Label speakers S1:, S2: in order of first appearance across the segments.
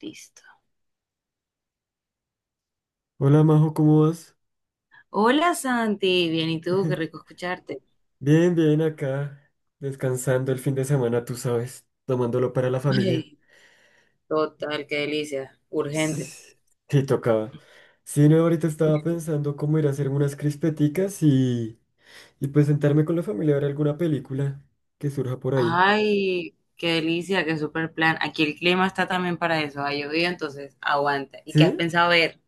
S1: Listo.
S2: Hola Majo, ¿cómo vas?
S1: Hola Santi, bien, ¿y tú? Qué rico escucharte.
S2: Bien, bien, acá, descansando el fin de semana, tú sabes, tomándolo para la familia.
S1: Ay, total, qué delicia.
S2: Sí,
S1: Urgente.
S2: sí, tocaba. Sí, no, ahorita estaba pensando cómo ir a hacer unas crispeticas y pues sentarme con la familia a ver alguna película que surja por ahí.
S1: Ay, qué delicia, qué super plan. Aquí el clima está también para eso. Ha llovido, entonces aguanta. ¿Y qué has
S2: ¿Sí?
S1: pensado ver?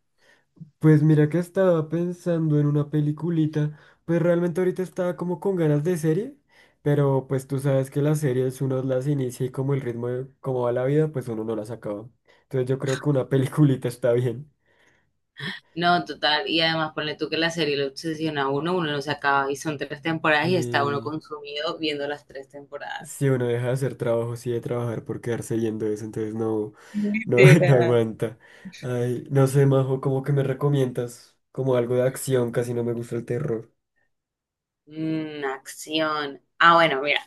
S2: Pues mira que estaba pensando en una peliculita, pues realmente ahorita estaba como con ganas de serie, pero pues tú sabes que las series uno las inicia y como el ritmo de cómo va la vida, pues uno no las acaba. Entonces yo creo que una peliculita está bien.
S1: No, total. Y además, ponle tú que la serie lo obsesiona a uno, uno no se acaba. Y son tres temporadas y está uno
S2: Y
S1: consumido viendo las tres temporadas.
S2: si uno deja de hacer trabajo, sí de trabajar por quedarse viendo eso, entonces no, no, no
S1: Literal.
S2: aguanta. Ay, no sé, Majo, ¿cómo que me recomiendas como algo de acción? Casi no me gusta el terror.
S1: Acción. Ah, bueno, mira.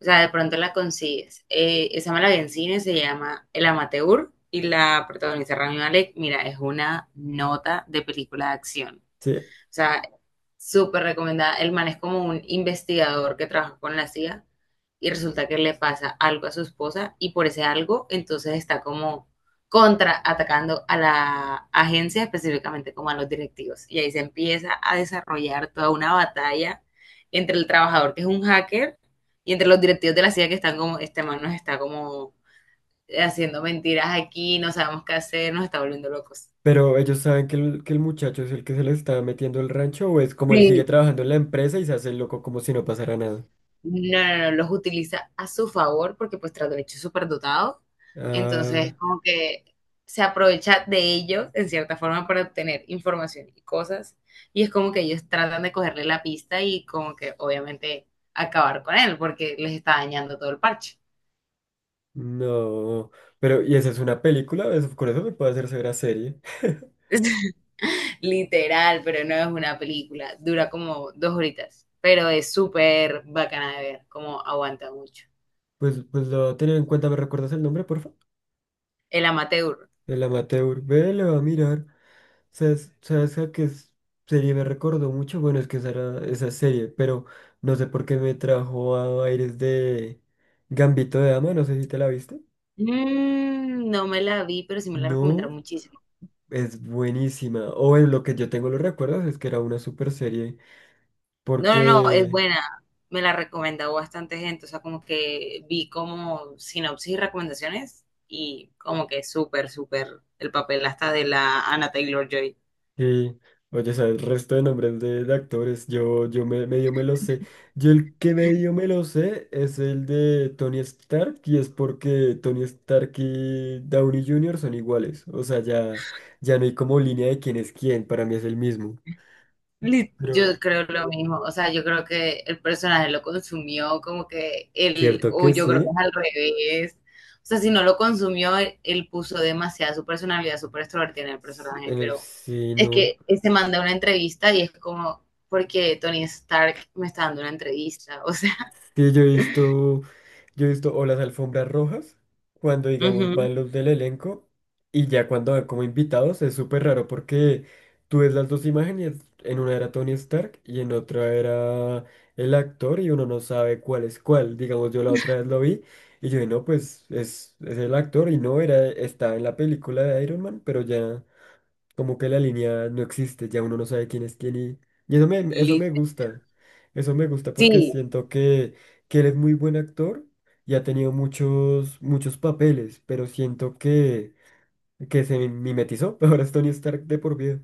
S1: O sea, de pronto la consigues. Esa me la vi en cine, se llama El Amateur y la protagoniza Rami Malek. Mira, es una nota de película de acción.
S2: Sí.
S1: O sea, súper recomendada. El man es como un investigador que trabaja con la CIA y resulta que le pasa algo a su esposa y por ese algo entonces está como contraatacando a la agencia, específicamente como a los directivos. Y ahí se empieza a desarrollar toda una batalla entre el trabajador que es un hacker y entre los directivos de la CIA que están como, este man nos está como haciendo mentiras aquí, no sabemos qué hacer, nos está volviendo locos.
S2: Pero ellos saben que que el muchacho es el que se le está metiendo el rancho, o es como él sigue
S1: Sí.
S2: trabajando en la empresa y se hace el loco como si no pasara nada.
S1: No, no, no, los utiliza a su favor porque pues tras derecho es súper dotado.
S2: Ah,
S1: Entonces, como que se aprovecha de ellos en cierta forma para obtener información y cosas. Y es como que ellos tratan de cogerle la pista y como que obviamente acabar con él porque les está dañando todo el parche.
S2: no. Pero ¿y esa es una película? Eso, con eso me puede hacer ver a serie.
S1: Literal, pero no es una película. Dura como dos horitas, pero es súper bacana de ver, como aguanta mucho.
S2: Pues lo voy a tener en cuenta. ¿Me recuerdas el nombre, porfa?
S1: El amateur.
S2: El amateur. Ve, le va a mirar. ¿Sabes a qué serie me recordó mucho? Bueno, es que esa era esa serie, pero no sé por qué me trajo a aires de Gambito de Dama. No sé si te la viste.
S1: No me la vi, pero sí me la recomendaron
S2: No.
S1: muchísimo.
S2: Es buenísima. O en lo que yo tengo los recuerdos es que era una super serie.
S1: No, no, no, es
S2: Porque,
S1: buena. Me la recomendó bastante gente. O sea, como que vi como sinopsis y recomendaciones y como que súper, súper el papel hasta de la Anna Taylor-Joy.
S2: sí, oye, ¿sabes? El resto de nombres de actores, medio me lo sé. Yo el que medio me lo sé es el de Tony Stark. Y es porque Tony Stark y Downey Jr. son iguales. O sea, ya, ya no hay como línea de quién es quién. Para mí es el mismo. Pero,
S1: Yo creo lo mismo, o sea, yo creo que el personaje lo consumió como que él,
S2: ¿cierto
S1: o
S2: que
S1: yo creo que es
S2: sí?
S1: al revés, o sea, si no lo consumió, él puso demasiada su personalidad súper extrovertida en el personaje, pero es
S2: No.
S1: que él se manda una entrevista y es como, porque Tony Stark me está dando una entrevista, o sea,
S2: Sí, yo he visto o las alfombras rojas, cuando digamos
S1: ujú,
S2: van los del elenco, y ya cuando van como invitados es súper raro porque tú ves las dos imágenes, en una era Tony Stark y en otra era el actor y uno no sabe cuál es cuál. Digamos, yo la otra vez lo vi y yo dije, no, pues es el actor y no, era, estaba en la película de Iron Man, pero ya... Como que la línea no existe, ya uno no sabe quién es quién, y eso me
S1: lit-
S2: gusta. Eso me gusta porque
S1: sí,
S2: siento que él es muy buen actor y ha tenido muchos, muchos papeles, pero siento que se mimetizó. Ahora es Tony Stark de por vida.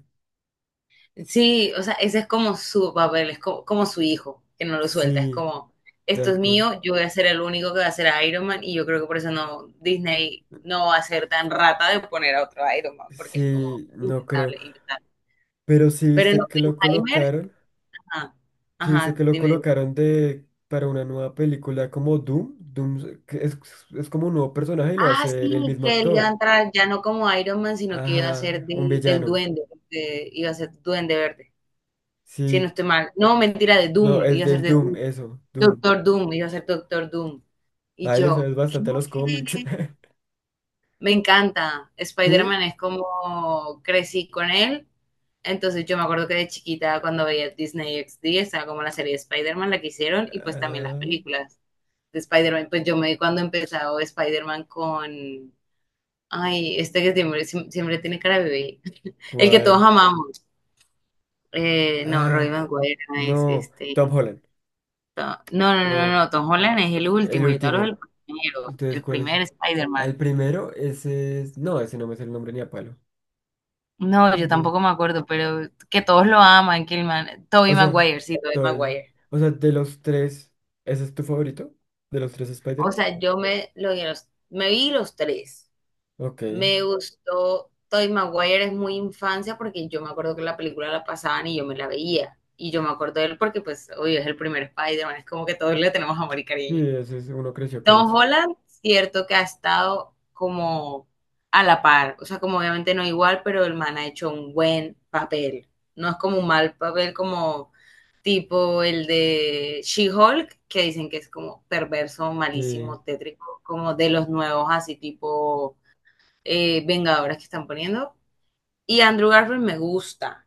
S1: Sí, o sea, ese es como su papel, como, su hijo, que no lo suelta, es
S2: Sí,
S1: como, esto
S2: tal
S1: es
S2: cual.
S1: mío, yo voy a ser el único que va a ser Iron Man y yo creo que por eso no, Disney no va a ser tan rata de poner a otro Iron Man, porque es como
S2: Sí, no creo.
S1: impensable, impensable.
S2: Pero sí
S1: Pero en
S2: viste que lo
S1: Oppenheimer,
S2: colocaron.
S1: ajá,
S2: Sí viste
S1: ajá,
S2: que lo
S1: dime, dime.
S2: colocaron de para una nueva película como Doom. Doom es como un nuevo personaje y lo va a
S1: Ah,
S2: hacer el
S1: sí,
S2: mismo
S1: que él iba a
S2: actor.
S1: entrar ya no como Iron Man, sino que iba a ser
S2: Ajá, un
S1: del
S2: villano.
S1: duende, iba a ser duende verde, si no
S2: Sí,
S1: estoy mal. No, mentira, de
S2: no,
S1: Doom,
S2: es
S1: iba a ser
S2: del
S1: de
S2: Doom,
S1: Doom.
S2: eso, Doom.
S1: Doctor Doom, iba a ser Doctor Doom. Y
S2: Ahí le
S1: yo,
S2: sabes bastante a los cómics.
S1: ¿qué? Me encanta.
S2: ¿Sí?
S1: Spider-Man es como crecí con él. Entonces yo me acuerdo que de chiquita cuando veía Disney XD, estaba como la serie de Spider-Man, la que hicieron, y pues también las
S2: Ah,
S1: películas de Spider-Man. Pues yo me vi cuando empezó Spider-Man con... Ay, este que siempre, siempre tiene cara de bebé. El que todos
S2: ¿cuál?
S1: amamos. No, Roy
S2: Ah,
S1: Maguire no es
S2: no,
S1: este...
S2: Tom Holland.
S1: No, no, no, no,
S2: No,
S1: no, Tom Holland es el
S2: el
S1: último, yo te hablo
S2: último.
S1: del primero,
S2: Entonces,
S1: el
S2: ¿cuál es?
S1: primer
S2: Ah, el
S1: Spider-Man.
S2: primero, ese es. No, ese no me sale el nombre ni a palo.
S1: No, yo
S2: No.
S1: tampoco me acuerdo, pero que todos lo aman, que el man,
S2: O
S1: Tobey
S2: sea,
S1: Maguire, sí, Tobey
S2: todo bien.
S1: Maguire.
S2: O sea, de los tres, ¿ese es tu favorito? ¿De los tres
S1: O
S2: Spider-Man?
S1: sea, yo me, lo vi a los, me vi los tres.
S2: Ok.
S1: Me
S2: Sí,
S1: gustó Tobey Maguire, es muy infancia porque yo me acuerdo que la película la pasaban y yo me la veía. Y yo me acuerdo de él porque, pues, obvio, es el primer Spider-Man, es como que todos le tenemos amor y cariño.
S2: ese es, uno creció con
S1: Tom
S2: eso.
S1: Holland, cierto que ha estado como a la par, o sea, como obviamente no igual, pero el man ha hecho un buen papel. No es como un mal papel como tipo el de She-Hulk, que dicen que es como perverso,
S2: Sí.
S1: malísimo, tétrico, como de los nuevos, así tipo Vengadoras que están poniendo. Y Andrew Garfield me gusta,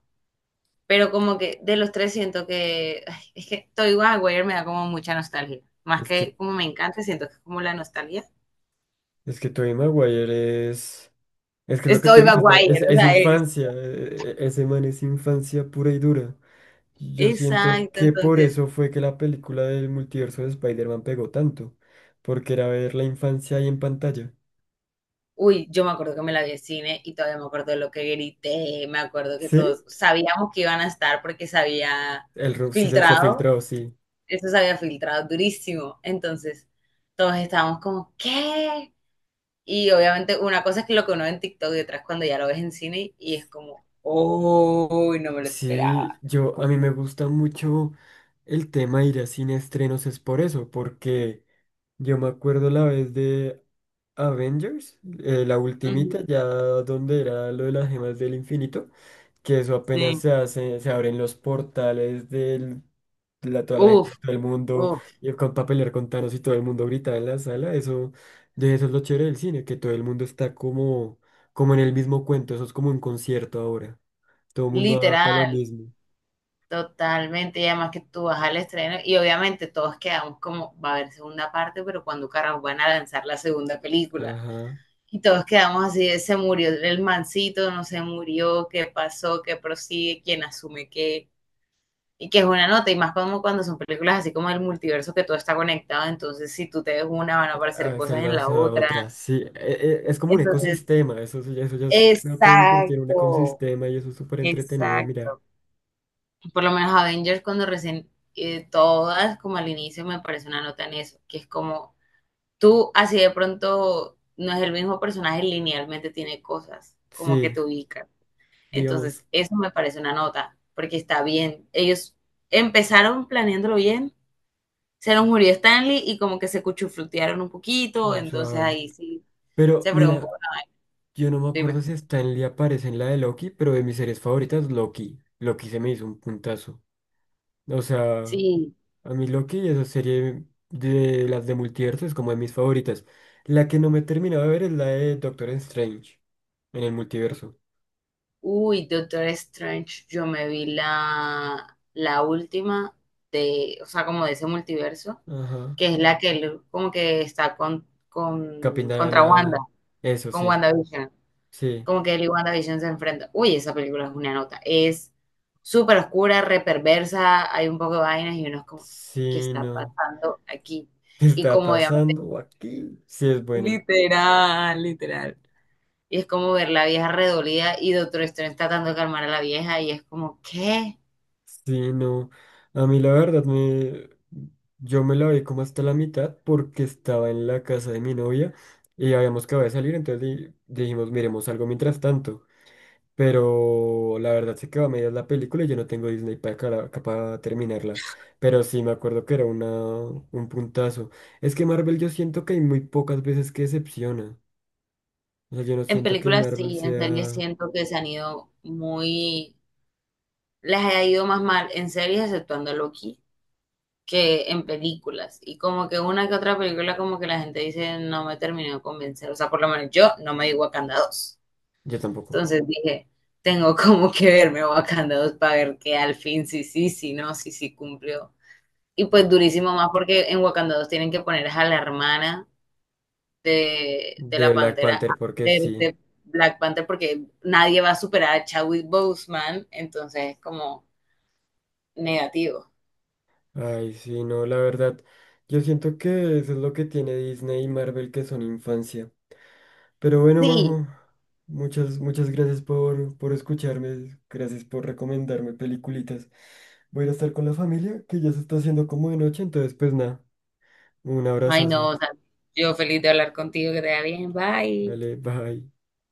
S1: pero como que de los tres siento que ay, es que Toy Maguire me da como mucha nostalgia. Más
S2: Es que
S1: que como me encanta, siento que es como la nostalgia.
S2: Es que Tobey Maguire es... Es que lo
S1: Es
S2: que tú
S1: Toy
S2: dices
S1: Maguire, o
S2: es
S1: sea, es.
S2: infancia. Ese man es infancia pura y dura. Yo siento
S1: Exacto,
S2: que por
S1: entonces
S2: eso fue que la película del multiverso de Spider-Man pegó tanto. Porque era ver la infancia ahí en pantalla.
S1: Uy, yo me acuerdo que me la vi en cine y todavía me acuerdo de lo que grité, me acuerdo que
S2: ¿Sí?
S1: todos sabíamos que iban a estar porque se había
S2: El Rob sí se
S1: filtrado,
S2: filtró, sí.
S1: eso se había filtrado durísimo. Entonces, todos estábamos como, ¿qué? Y obviamente una cosa es que lo que uno ve en TikTok y otra es cuando ya lo ves en cine y es como, uy, no me lo
S2: Sí,
S1: esperaba.
S2: yo... A mí me gusta mucho el tema de ir a cine a estrenos. Es por eso. Porque yo me acuerdo la vez de... Avengers, la ultimita,
S1: Ujú,
S2: ya donde era lo de las gemas del infinito, que eso apenas
S1: Sí.
S2: se hace, se abren los portales de toda la gente de
S1: Uf,
S2: todo el mundo,
S1: uf.
S2: y con para pelear con Thanos y todo el mundo grita en la sala, eso, de eso es lo chévere del cine, que todo el mundo está como, como en el mismo cuento, eso es como un concierto ahora, todo el mundo va para lo
S1: Literal.
S2: mismo.
S1: Totalmente, y además que tú vas al estreno y obviamente todos quedamos como, va a haber segunda parte, pero cuando carajo van a lanzar la segunda película.
S2: Ajá.
S1: Y todos quedamos así, de, se murió el mancito, no se murió, qué pasó, qué prosigue, quién asume qué. Y que es una nota, y más como cuando son películas así como el multiverso que todo está conectado, entonces si tú te ves una van a aparecer
S2: Ah,
S1: cosas
S2: son
S1: en
S2: las
S1: la otra.
S2: otras, sí. Es como un
S1: Entonces,
S2: ecosistema, eso, eso ya se convirtió en un
S1: exacto,
S2: ecosistema y eso es súper entretenido de mirar.
S1: exacto. Por lo menos Avengers cuando recién, todas como al inicio me parece una nota en eso, que es como tú así de pronto no es el mismo personaje, linealmente tiene cosas como que
S2: Sí,
S1: te ubican.
S2: digamos,
S1: Entonces, eso me parece una nota, porque está bien. Ellos empezaron planeándolo bien, se nos murió Stanley y como que se cuchuflutearon un poquito,
S2: muy
S1: entonces
S2: suave.
S1: ahí sí
S2: Pero
S1: se fregó un poco.
S2: mira, yo no me
S1: Dime.
S2: acuerdo si Stanley aparece en la de Loki, pero de mis series favoritas, Loki. Loki se me hizo un puntazo. O sea,
S1: Sí,
S2: a mí Loki, esa serie de las de multiverso es como de mis favoritas. La que no me he terminado de ver es la de Doctor Strange en el multiverso.
S1: Uy, Doctor Strange, yo me vi la, la última de, o sea, como de ese multiverso,
S2: Ajá.
S1: que es la que él como que está con, contra Wanda,
S2: Capindanana. Eso
S1: con
S2: sí,
S1: WandaVision,
S2: sí.
S1: como que él y WandaVision se enfrentan. Uy, esa película es una nota, es súper oscura, reperversa, hay un poco de vainas y uno es como, ¿qué
S2: Sí,
S1: está
S2: no.
S1: pasando aquí?
S2: ¿Qué
S1: Y
S2: está
S1: como obviamente,
S2: pasando aquí? Sí, es buena.
S1: literal, literal. Y es como ver la vieja redolida y Doctor Strange tratando de calmar a la vieja y es como, ¿qué?
S2: Sí, no. A mí la verdad me... Yo me la vi como hasta la mitad porque estaba en la casa de mi novia y habíamos acabado de salir, entonces dijimos, miremos algo mientras tanto. Pero la verdad se quedó a medias la película y yo no tengo Disney para, para terminarla. Pero sí me acuerdo que era una, un puntazo. Es que Marvel yo siento que hay muy pocas veces que decepciona. O sea, yo no
S1: En
S2: siento que
S1: películas
S2: Marvel
S1: sí, en series
S2: sea...
S1: siento que se han ido muy, les ha ido más mal en series exceptuando Loki que en películas. Y como que una que otra película como que la gente dice no me terminó de convencer. O sea, por lo menos yo no me di Wakanda 2.
S2: Yo tampoco.
S1: Entonces dije, tengo como que verme Wakanda 2 para ver que al fin sí, sí, sí, no, sí, sí cumplió. Y pues
S2: Ah,
S1: durísimo más porque en Wakanda 2 tienen que poner a la hermana de
S2: de
S1: la
S2: Black
S1: Pantera,
S2: Panther, porque
S1: de,
S2: sí.
S1: de Black Panther, porque nadie va a superar a Chadwick Boseman, entonces es como negativo.
S2: Ay, sí, no, la verdad. Yo siento que eso es lo que tiene Disney y Marvel, que son infancia. Pero bueno,
S1: Sí,
S2: Majo, muchas, muchas gracias por escucharme. Gracias por recomendarme peliculitas. Voy a ir a estar con la familia, que ya se está haciendo como de noche, entonces pues nada, un
S1: ay no,
S2: abrazazo.
S1: o sea, yo feliz de hablar contigo, que te vaya bien, bye.
S2: Dale, bye.